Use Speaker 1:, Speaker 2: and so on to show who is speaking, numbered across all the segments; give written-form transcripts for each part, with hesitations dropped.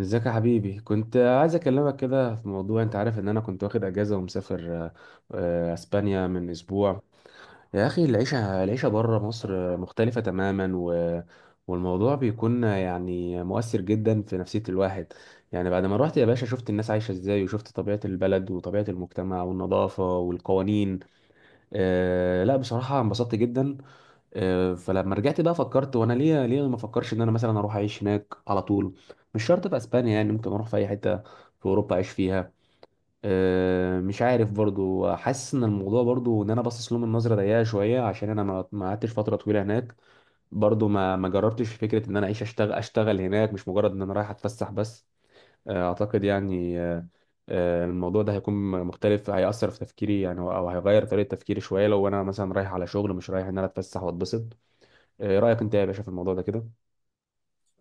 Speaker 1: ازيك يا حبيبي؟ كنت عايز اكلمك كده في موضوع. انت عارف ان انا كنت واخد اجازه ومسافر اسبانيا من اسبوع. يا اخي العيشه العيشه بره مصر مختلفه تماما، والموضوع بيكون يعني مؤثر جدا في نفسيه الواحد. يعني بعد ما روحت يا باشا، شفت الناس عايشه ازاي، وشفت طبيعه البلد وطبيعه المجتمع والنظافه والقوانين. لا، بصراحه انبسطت جدا. فلما رجعت بقى فكرت، وانا ليه ليه ما افكرش ان انا مثلا اروح اعيش هناك على طول؟ مش شرط في اسبانيا يعني، ممكن اروح في اي حته في اوروبا اعيش فيها. مش عارف برضو، حاسس ان الموضوع برضو ان انا باصص لهم من نظره ضيقه شويه، عشان انا ما قعدتش فتره طويله هناك. برضو ما جربتش فكره ان انا اعيش اشتغل هناك، مش مجرد ان انا رايح اتفسح بس. اعتقد يعني الموضوع ده هيكون مختلف، هيأثر في تفكيري يعني، او هيغير طريقه تفكيري شويه، لو انا مثلا رايح على شغل، مش رايح ان انا اتفسح واتبسط. إيه رأيك انت يا باشا في الموضوع ده كده؟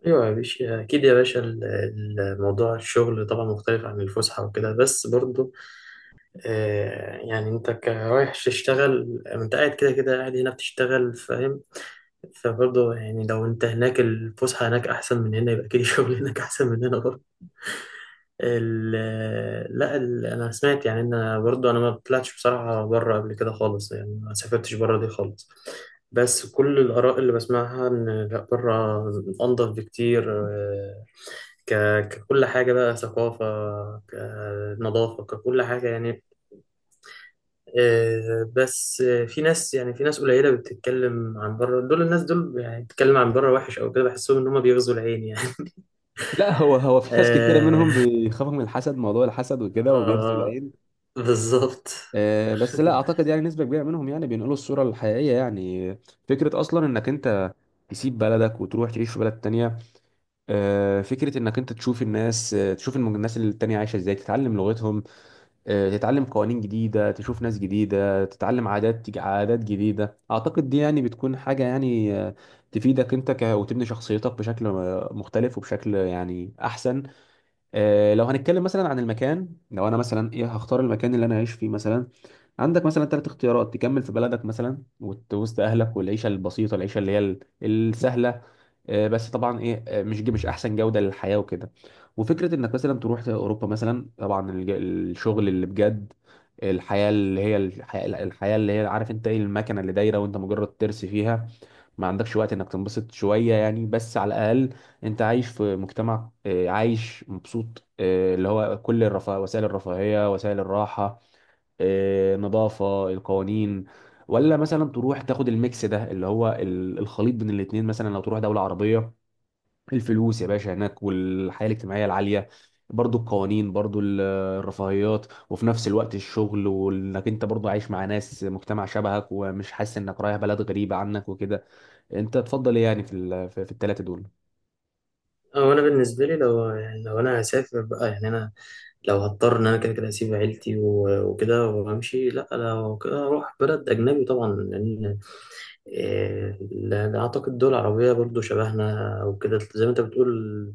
Speaker 2: ايوه يا باشا، اكيد يا باشا، موضوع الشغل طبعا مختلف عن الفسحه وكده، بس برضو يعني انت رايح تشتغل، انت قاعد كده كده، قاعد هنا بتشتغل، فاهم؟ فبرضو يعني لو انت هناك الفسحه هناك احسن من هنا، يبقى اكيد الشغل هناك احسن من هنا برضو. لا، انا سمعت، يعني انا برضو، انا ما طلعتش بصراحه بره قبل كده خالص، يعني ما سافرتش بره دي خالص. بس كل الآراء اللي بسمعها إن لأ، بره أنضف بكتير. ك... ككل حاجة بقى ثقافة، كنظافة، ككل حاجة يعني. بس في ناس، يعني في ناس قليلة بتتكلم عن بره، دول الناس دول يعني بتتكلم عن بره وحش أو كده، بحسهم إن هما بيغزوا العين يعني.
Speaker 1: لا، هو في ناس كتيرة منهم
Speaker 2: آه.
Speaker 1: بيخافوا من الحسد، موضوع الحسد وكده، وبيغزوا
Speaker 2: آه،
Speaker 1: العين.
Speaker 2: بالظبط.
Speaker 1: بس لا اعتقد يعني نسبة كبيرة منهم يعني بينقلوا الصورة الحقيقية يعني. فكرة اصلا انك انت تسيب بلدك وتروح تعيش في بلد تانية. فكرة انك انت تشوف الناس، تشوف الناس اللي التانية عايشة ازاي، تتعلم لغتهم. تتعلم قوانين جديدة، تشوف ناس جديدة، تتعلم عادات، تيجي عادات جديدة. أعتقد دي يعني بتكون حاجة يعني تفيدك أنت، وتبني شخصيتك بشكل مختلف، وبشكل يعني أحسن. لو هنتكلم مثلا عن المكان، لو انا مثلا ايه هختار المكان اللي انا عايش فيه مثلا. عندك مثلا ثلاث اختيارات: تكمل في بلدك مثلا وسط اهلك، والعيشه البسيطه، العيشه اللي هي السهله. بس طبعا ايه، مش احسن جوده للحياه وكده. وفكره انك مثلا تروح اوروبا مثلا، طبعا الشغل اللي بجد، الحياه اللي هي الحياه، الحياة اللي هي، عارف انت ايه المكنه اللي دايره، وانت مجرد ترس فيها. ما عندكش وقت انك تنبسط شوية يعني، بس على الاقل انت عايش في مجتمع، عايش مبسوط، اللي هو كل الرفاه، وسائل الرفاهية، وسائل الراحة، نظافة، القوانين. ولا مثلا تروح تاخد الميكس ده اللي هو الخليط بين الاتنين، مثلا لو تروح دولة عربية: الفلوس يا باشا هناك، والحياة الاجتماعية العالية، برضو القوانين، برضو الرفاهيات، وفي نفس الوقت الشغل، وانك انت برضو عايش مع ناس مجتمع شبهك، ومش حاسس انك رايح بلد غريبة عنك وكده. انت تفضل ايه يعني في في الثلاثه دول؟
Speaker 2: أو أنا بالنسبة لي، لو يعني لو أنا هسافر بقى، يعني أنا لو هضطر إن أنا كده كده أسيب عيلتي و- وكده وأمشي، لأ، لو كده أروح بلد أجنبي طبعا، لأن إيه، أعتقد دول عربية برضو شبهنا وكده، زي ما أنت بتقول.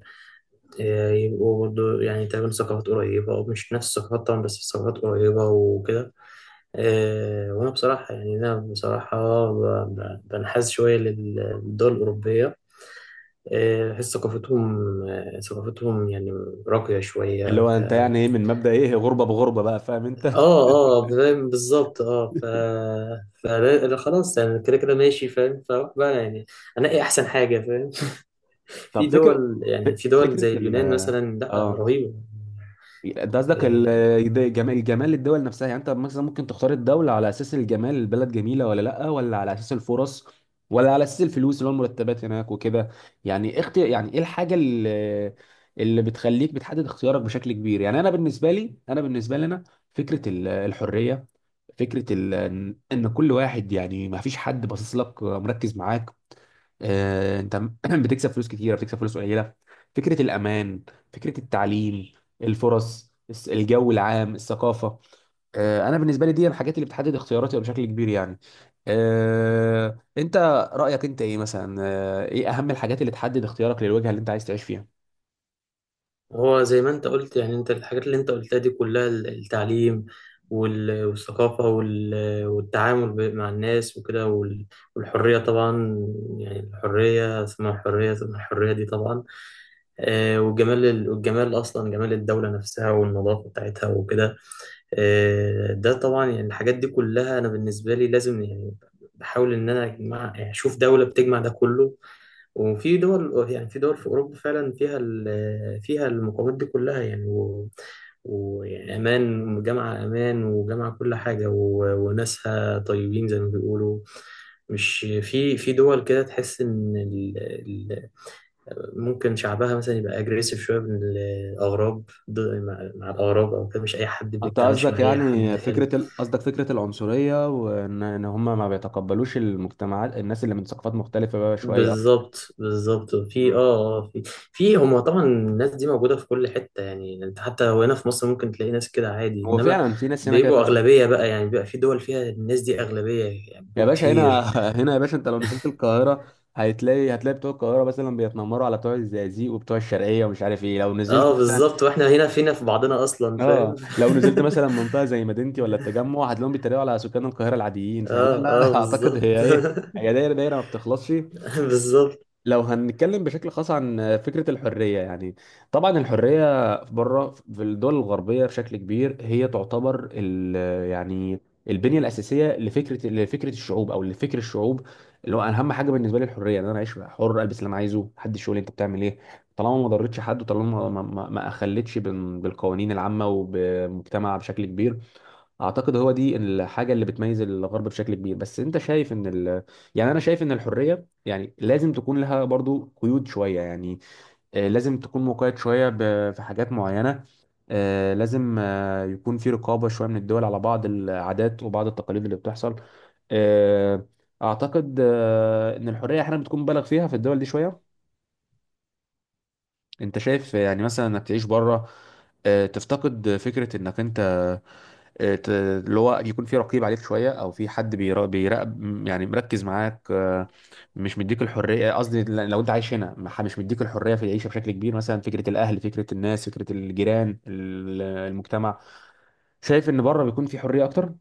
Speaker 2: إيه، يبقوا برضو يعني تقريبا ثقافات قريبة، أو مش نفس الثقافات طبعا، بس ثقافات قريبة وكده. إيه، وأنا بصراحة، يعني أنا بصراحة بنحاز شوية للدول الأوروبية. إيه، بحس ثقافتهم، ثقافتهم يعني راقية
Speaker 1: اللي هو
Speaker 2: شوية.
Speaker 1: انت يعني ايه، من مبدأ ايه، غربه بغربه بقى، فاهم
Speaker 2: اه.
Speaker 1: انت؟
Speaker 2: اه، فاهم، بالظبط. اه، فأنا- أنا خلاص يعني كده كده ماشي، فاهم، فأروح بقى يعني أنقي أحسن حاجة، فاهم. في
Speaker 1: طب فكره،
Speaker 2: دول،
Speaker 1: ف-
Speaker 2: يعني في دول
Speaker 1: فكره
Speaker 2: زي
Speaker 1: ال
Speaker 2: اليونان مثلا، لا،
Speaker 1: اه،
Speaker 2: رهيبة.
Speaker 1: انت قصدك
Speaker 2: إيه،
Speaker 1: ده جمال، للدول نفسها. يعني انت مثلا ممكن تختار الدولة على اساس الجمال، البلد جميلة ولا لا، ولا على اساس الفرص، ولا على اساس الفلوس اللي هو المرتبات هناك وكده. يعني اختي يعني ايه الحاجة، اللي بتخليك بتحدد اختيارك بشكل كبير؟ يعني انا بالنسبة لي انا، فكرة الحرية، فكرة ان كل واحد يعني ما فيش حد باصص لك، مركز معاك، انت بتكسب فلوس كتيره، بتكسب فلوس قليله. فكره الامان، فكره التعليم، الفرص، الجو العام، الثقافه. انا بالنسبه لي دي الحاجات اللي بتحدد اختياراتي بشكل كبير يعني. آه، انت رايك انت ايه مثلا، ايه اهم الحاجات اللي تحدد اختيارك للوجهه اللي انت عايز تعيش فيها؟
Speaker 2: هو زي ما انت قلت، يعني انت الحاجات اللي انت قلتها دي كلها، التعليم والثقافة والتعامل مع الناس وكده، والحرية طبعا. يعني الحرية ثم الحرية ثم الحرية، دي طبعا. والجمال أصلا، جمال الدولة نفسها والنظافة بتاعتها وكده. ده طبعا، يعني الحاجات دي كلها أنا بالنسبة لي لازم، يعني بحاول إن أنا أجمع، يعني أشوف دولة بتجمع ده كله. وفي دول، يعني في دول في أوروبا فعلا فيها، فيها المقومات دي كلها يعني، ويعني أمان، جامعة أمان وجامعة كل حاجة، و- وناسها طيبين زي ما بيقولوا. مش في دول كده تحس إن ال ممكن شعبها مثلا يبقى أجريسيف شوية من الأغراب، مع الأغراب أو كده، مش أي حد
Speaker 1: انت
Speaker 2: بيتعاملش
Speaker 1: قصدك
Speaker 2: مع أي حد
Speaker 1: يعني
Speaker 2: حلو.
Speaker 1: فكره ال... قصدك فكره العنصريه، وان هم ما بيتقبلوش المجتمعات، الناس اللي من ثقافات مختلفه بقى شويه؟
Speaker 2: بالظبط، بالظبط، في. اه.
Speaker 1: مم.
Speaker 2: في. هم طبعا الناس دي موجوده في كل حته، يعني انت حتى لو هنا في مصر ممكن تلاقي ناس كده عادي،
Speaker 1: هو
Speaker 2: انما
Speaker 1: فعلا في ناس هنا كده
Speaker 2: بيبقوا
Speaker 1: فعلا.
Speaker 2: اغلبيه بقى، يعني بيبقى في دول فيها الناس دي اغلبيه، يعني
Speaker 1: يا
Speaker 2: بيبقوا
Speaker 1: باشا هنا،
Speaker 2: كتير.
Speaker 1: هنا يا باشا، انت لو نزلت القاهرة هتلاقي، بتوع القاهرة مثلا بيتنمروا على بتوع الزقازيق وبتوع الشرقية ومش عارف ايه، لو نزلت
Speaker 2: اه،
Speaker 1: مثلا.
Speaker 2: بالظبط، واحنا هنا فينا في بعضنا اصلا، فاهم.
Speaker 1: اه لو نزلت مثلا منطقة زي مدينتي ولا التجمع، هتلاقيهم بيتريقوا على سكان القاهرة العاديين.
Speaker 2: اه،
Speaker 1: فلا
Speaker 2: اه،
Speaker 1: لا، اعتقد
Speaker 2: بالظبط.
Speaker 1: هي ايه، هي دايرة دايرة ما بتخلصش.
Speaker 2: بالظبط.
Speaker 1: لو هنتكلم بشكل خاص عن فكرة الحرية يعني، طبعا الحرية بره في الدول الغربية بشكل كبير، هي تعتبر يعني البنية الأساسية لفكرة الشعوب أو لفكر الشعوب. اللي هو أنا أهم حاجة بالنسبة لي الحرية، إن أنا أعيش حر، ألبس اللي أنا عايزه، محدش يقول لي أنت بتعمل إيه، طالما ما ضرتش حد، وطالما ما أخلتش بالقوانين العامة وبمجتمع بشكل كبير. اعتقد هو دي الحاجه اللي بتميز الغرب بشكل كبير. بس انت شايف ان يعني انا شايف ان الحريه يعني لازم تكون لها برضو قيود شويه يعني، لازم تكون مقيد شويه في حاجات معينه. لازم يكون في رقابه شويه من الدول على بعض العادات وبعض التقاليد اللي بتحصل. آه، اعتقد ان الحريه احيانا بتكون مبالغ فيها في الدول دي شويه. انت شايف يعني مثلا انك تعيش بره، تفتقد فكرة انك انت اللي هو يكون في رقيب عليك شوية، او في حد بيراقب يعني مركز معاك. مش مديك الحرية، قصدي لو انت عايش هنا، مش مديك الحرية في العيشة بشكل كبير، مثلا فكرة الاهل، فكرة الناس، فكرة الجيران، المجتمع. شايف ان بره بيكون في حرية اكتر.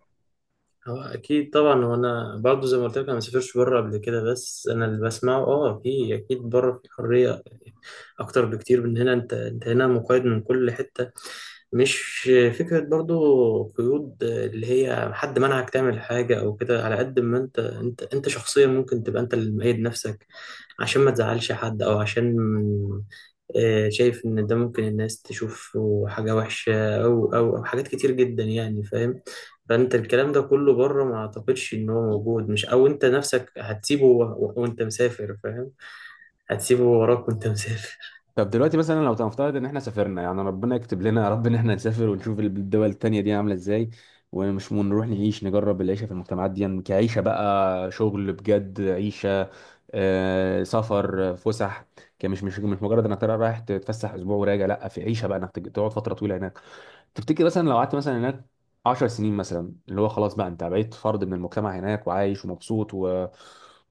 Speaker 2: هو اكيد طبعا، وانا برضه زي ما قلت لك، انا ما سافرش بره قبل كده، بس انا اللي بسمعه، اه، في اكيد بره في حريه اكتر بكتير من هنا. انت هنا مقيد من كل حته. مش فكرة برضو قيود اللي هي حد منعك تعمل حاجة أو كده، على قد ما أنت شخصيا ممكن تبقى أنت اللي مقيد نفسك عشان ما تزعلش حد، أو عشان شايف إن ده ممكن الناس تشوف حاجة وحشة، أو حاجات كتير جدا يعني، فاهم. فأنت الكلام ده كله بره ما أعتقدش إن هو موجود، مش، أو أنت نفسك هتسيبه و- وأنت مسافر، فاهم، هتسيبه وراك وأنت مسافر.
Speaker 1: طب دلوقتي مثلا، لو تنفترض ان احنا سافرنا، يعني ربنا يكتب لنا يا رب ان احنا نسافر ونشوف الدول التانية دي عاملة ازاي، ونروح نعيش نجرب العيشة في المجتمعات دي، يعني كعيشة بقى، شغل بجد، عيشة، آه سفر آه، فسح، كمش مش مش مجرد انك ترى رايح تتفسح اسبوع وراجع، لا، في عيشة بقى، انك تقعد فترة طويلة هناك. تفتكر مثلا لو قعدت مثلا هناك 10 سنين مثلا، اللي هو خلاص بقى انت بقيت فرد من المجتمع هناك، وعايش ومبسوط و...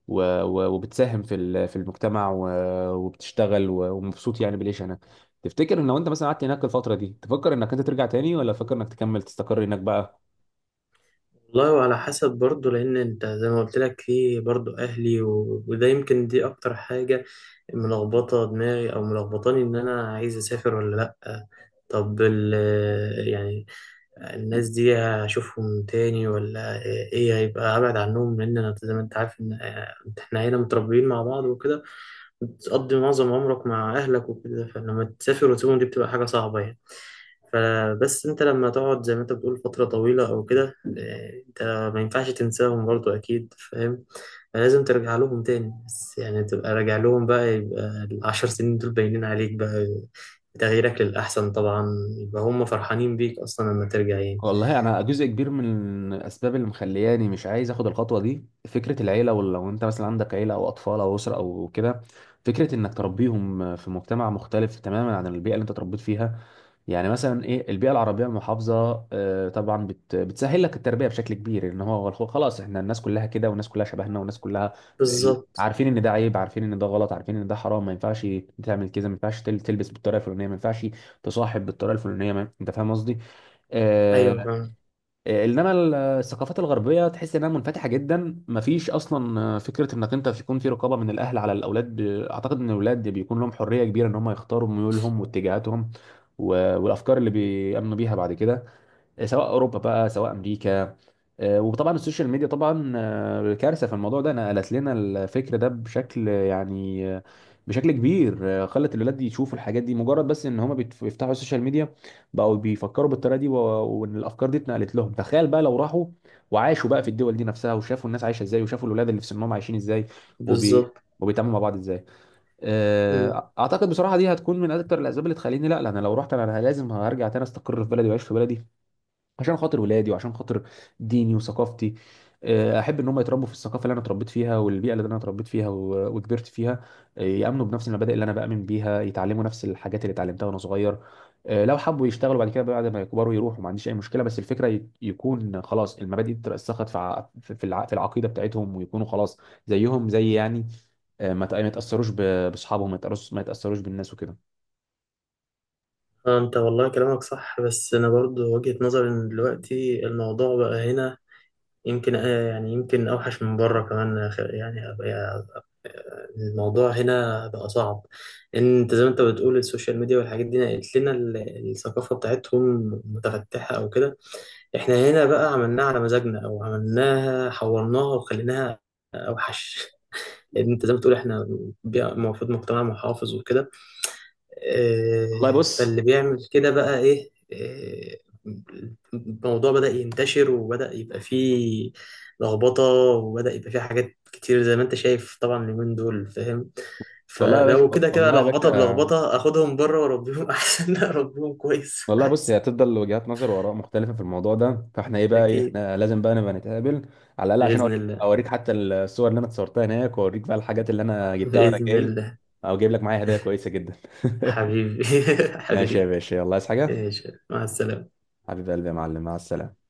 Speaker 1: و... و... وبتساهم في المجتمع، وبتشتغل ومبسوط يعني بالعيش هناك. تفتكر ان لو انت مثلا قعدت هناك الفترة دي، تفكر انك انت ترجع تاني، ولا تفكر انك تكمل تستقر هناك بقى؟
Speaker 2: والله وعلى حسب برضه، لأن أنت زي ما قلت لك في برضه أهلي، و... وده يمكن دي أكتر حاجة ملخبطة دماغي، أو ملخبطاني إن أنا عايز أسافر ولا لأ. طب يعني الناس دي هشوفهم تاني، ولا إيه، هيبقى أبعد عنهم، لأن أنا زي ما أنت عارف إن إحنا هنا متربيين مع بعض وكده، بتقضي معظم عمرك مع أهلك وكده، فلما تسافر وتسيبهم دي بتبقى حاجة صعبة يعني. فبس أنت لما تقعد زي ما أنت بتقول فترة طويلة أو كده، أنت ما ينفعش تنساهم برضو أكيد، فاهم. لازم ترجع لهم تاني، بس يعني تبقى راجع لهم بقى، يبقى الـ10 سنين دول باينين عليك بقى، تغييرك للأحسن طبعا، يبقى هم فرحانين بيك أصلا لما ترجع يعني.
Speaker 1: والله انا، جزء كبير من الاسباب اللي مخلياني مش عايز اخد الخطوه دي فكره العيله. ولو انت مثلا عندك عيله او اطفال او اسره او كده، فكره انك تربيهم في مجتمع مختلف تماما عن البيئه اللي انت اتربيت فيها. يعني مثلا ايه، البيئه العربيه المحافظه، طبعا بتسهل لك التربيه بشكل كبير، ان هو خلاص احنا الناس كلها كده، والناس كلها شبهنا، والناس كلها
Speaker 2: بالظبط.
Speaker 1: عارفين ان ده عيب، عارفين ان ده غلط، عارفين ان ده حرام، ما ينفعش تعمل كده، ما ينفعش تلبس بالطريقه الفلانيه، ما ينفعش تصاحب بالطريقه الفلانيه، انت فاهم قصدي.
Speaker 2: أيوه
Speaker 1: آه،
Speaker 2: فاهم.
Speaker 1: انما الثقافات الغربيه تحس انها منفتحه جدا، مفيش اصلا فكره انك انت يكون في رقابه من الاهل على الاولاد. اعتقد ان الاولاد بيكون لهم حريه كبيره، ان هم يختاروا ميولهم واتجاهاتهم والافكار اللي بيامنوا بيها بعد كده، سواء اوروبا بقى، سواء امريكا. وطبعا السوشيال ميديا، طبعا كارثه في الموضوع ده، نقلت لنا الفكر ده بشكل بشكل كبير. خلت الولاد يشوفوا الحاجات دي، مجرد بس ان هما بيفتحوا السوشيال ميديا بقوا بيفكروا بالطريقه دي، وان الافكار دي اتنقلت لهم. تخيل بقى لو راحوا وعاشوا بقى في الدول دي نفسها، وشافوا الناس عايشه ازاي، وشافوا الولاد اللي في سنهم عايشين ازاي، وبي
Speaker 2: بالظبط.
Speaker 1: وبيتعاملوا مع بعض ازاي. اعتقد بصراحه دي هتكون من اكتر الاسباب اللي تخليني، لا لا، انا لو رحت انا لازم هرجع تاني، استقر في بلدي واعيش في بلدي، عشان خاطر ولادي، وعشان خاطر ديني وثقافتي. احب ان هم يتربوا في الثقافه اللي انا اتربيت فيها، والبيئه اللي انا اتربيت فيها وكبرت فيها. يامنوا بنفس المبادئ اللي انا بامن بيها، يتعلموا نفس الحاجات اللي اتعلمتها وانا صغير. لو حبوا يشتغلوا بعد كده بعد ما يكبروا يروحوا، ما عنديش اي مشكله، بس الفكره يكون خلاص المبادئ دي اترسخت في العقيده بتاعتهم، ويكونوا خلاص زيهم زي يعني، ما يتاثروش باصحابهم، ما يتأثروش بالناس وكده.
Speaker 2: اه، انت والله كلامك صح، بس انا برضو وجهة نظري ان دلوقتي الموضوع بقى هنا يمكن، يعني يمكن اوحش من بره كمان يا أخي. يعني الموضوع هنا بقى صعب، ان انت زي ما انت بتقول السوشيال ميديا والحاجات دي نقلت لنا الثقافة بتاعتهم متفتحة او كده، احنا هنا بقى عملناها على مزاجنا، او عملناها حورناها وخليناها اوحش. لان انت زي ما بتقول احنا المفروض مجتمع محافظ وكده،
Speaker 1: والله بص.
Speaker 2: فاللي بيعمل كده بقى ايه؟ الموضوع بدأ ينتشر، وبدأ يبقى فيه لخبطة، وبدأ يبقى فيه حاجات كتير زي ما انت شايف طبعا اليومين دول، فاهم.
Speaker 1: والله يا باشا.
Speaker 2: فلو كده كده
Speaker 1: والله يا
Speaker 2: لخبطة
Speaker 1: باشا.
Speaker 2: بلخبطة، اخدهم بره واربيهم احسن، اربيهم كويس
Speaker 1: والله بص، هي
Speaker 2: احسن.
Speaker 1: هتفضل وجهات نظر واراء مختلفه في الموضوع ده، فاحنا ايه بقى ايه،
Speaker 2: اكيد.
Speaker 1: احنا لازم بقى نبقى نتقابل على الاقل، عشان
Speaker 2: بإذن
Speaker 1: اوريك،
Speaker 2: الله،
Speaker 1: حتى الصور اللي انا اتصورتها هناك، واوريك بقى الحاجات اللي انا جبتها وانا
Speaker 2: بإذن
Speaker 1: جاي،
Speaker 2: الله.
Speaker 1: او جايب لك معايا هدايا كويسه جدا.
Speaker 2: حبيبي.
Speaker 1: ماشي يا
Speaker 2: حبيبي.
Speaker 1: باشا، يلا، عايز حاجه؟
Speaker 2: ماشي، مع السلامة.
Speaker 1: حبيب قلبي يا معلم، مع السلامه.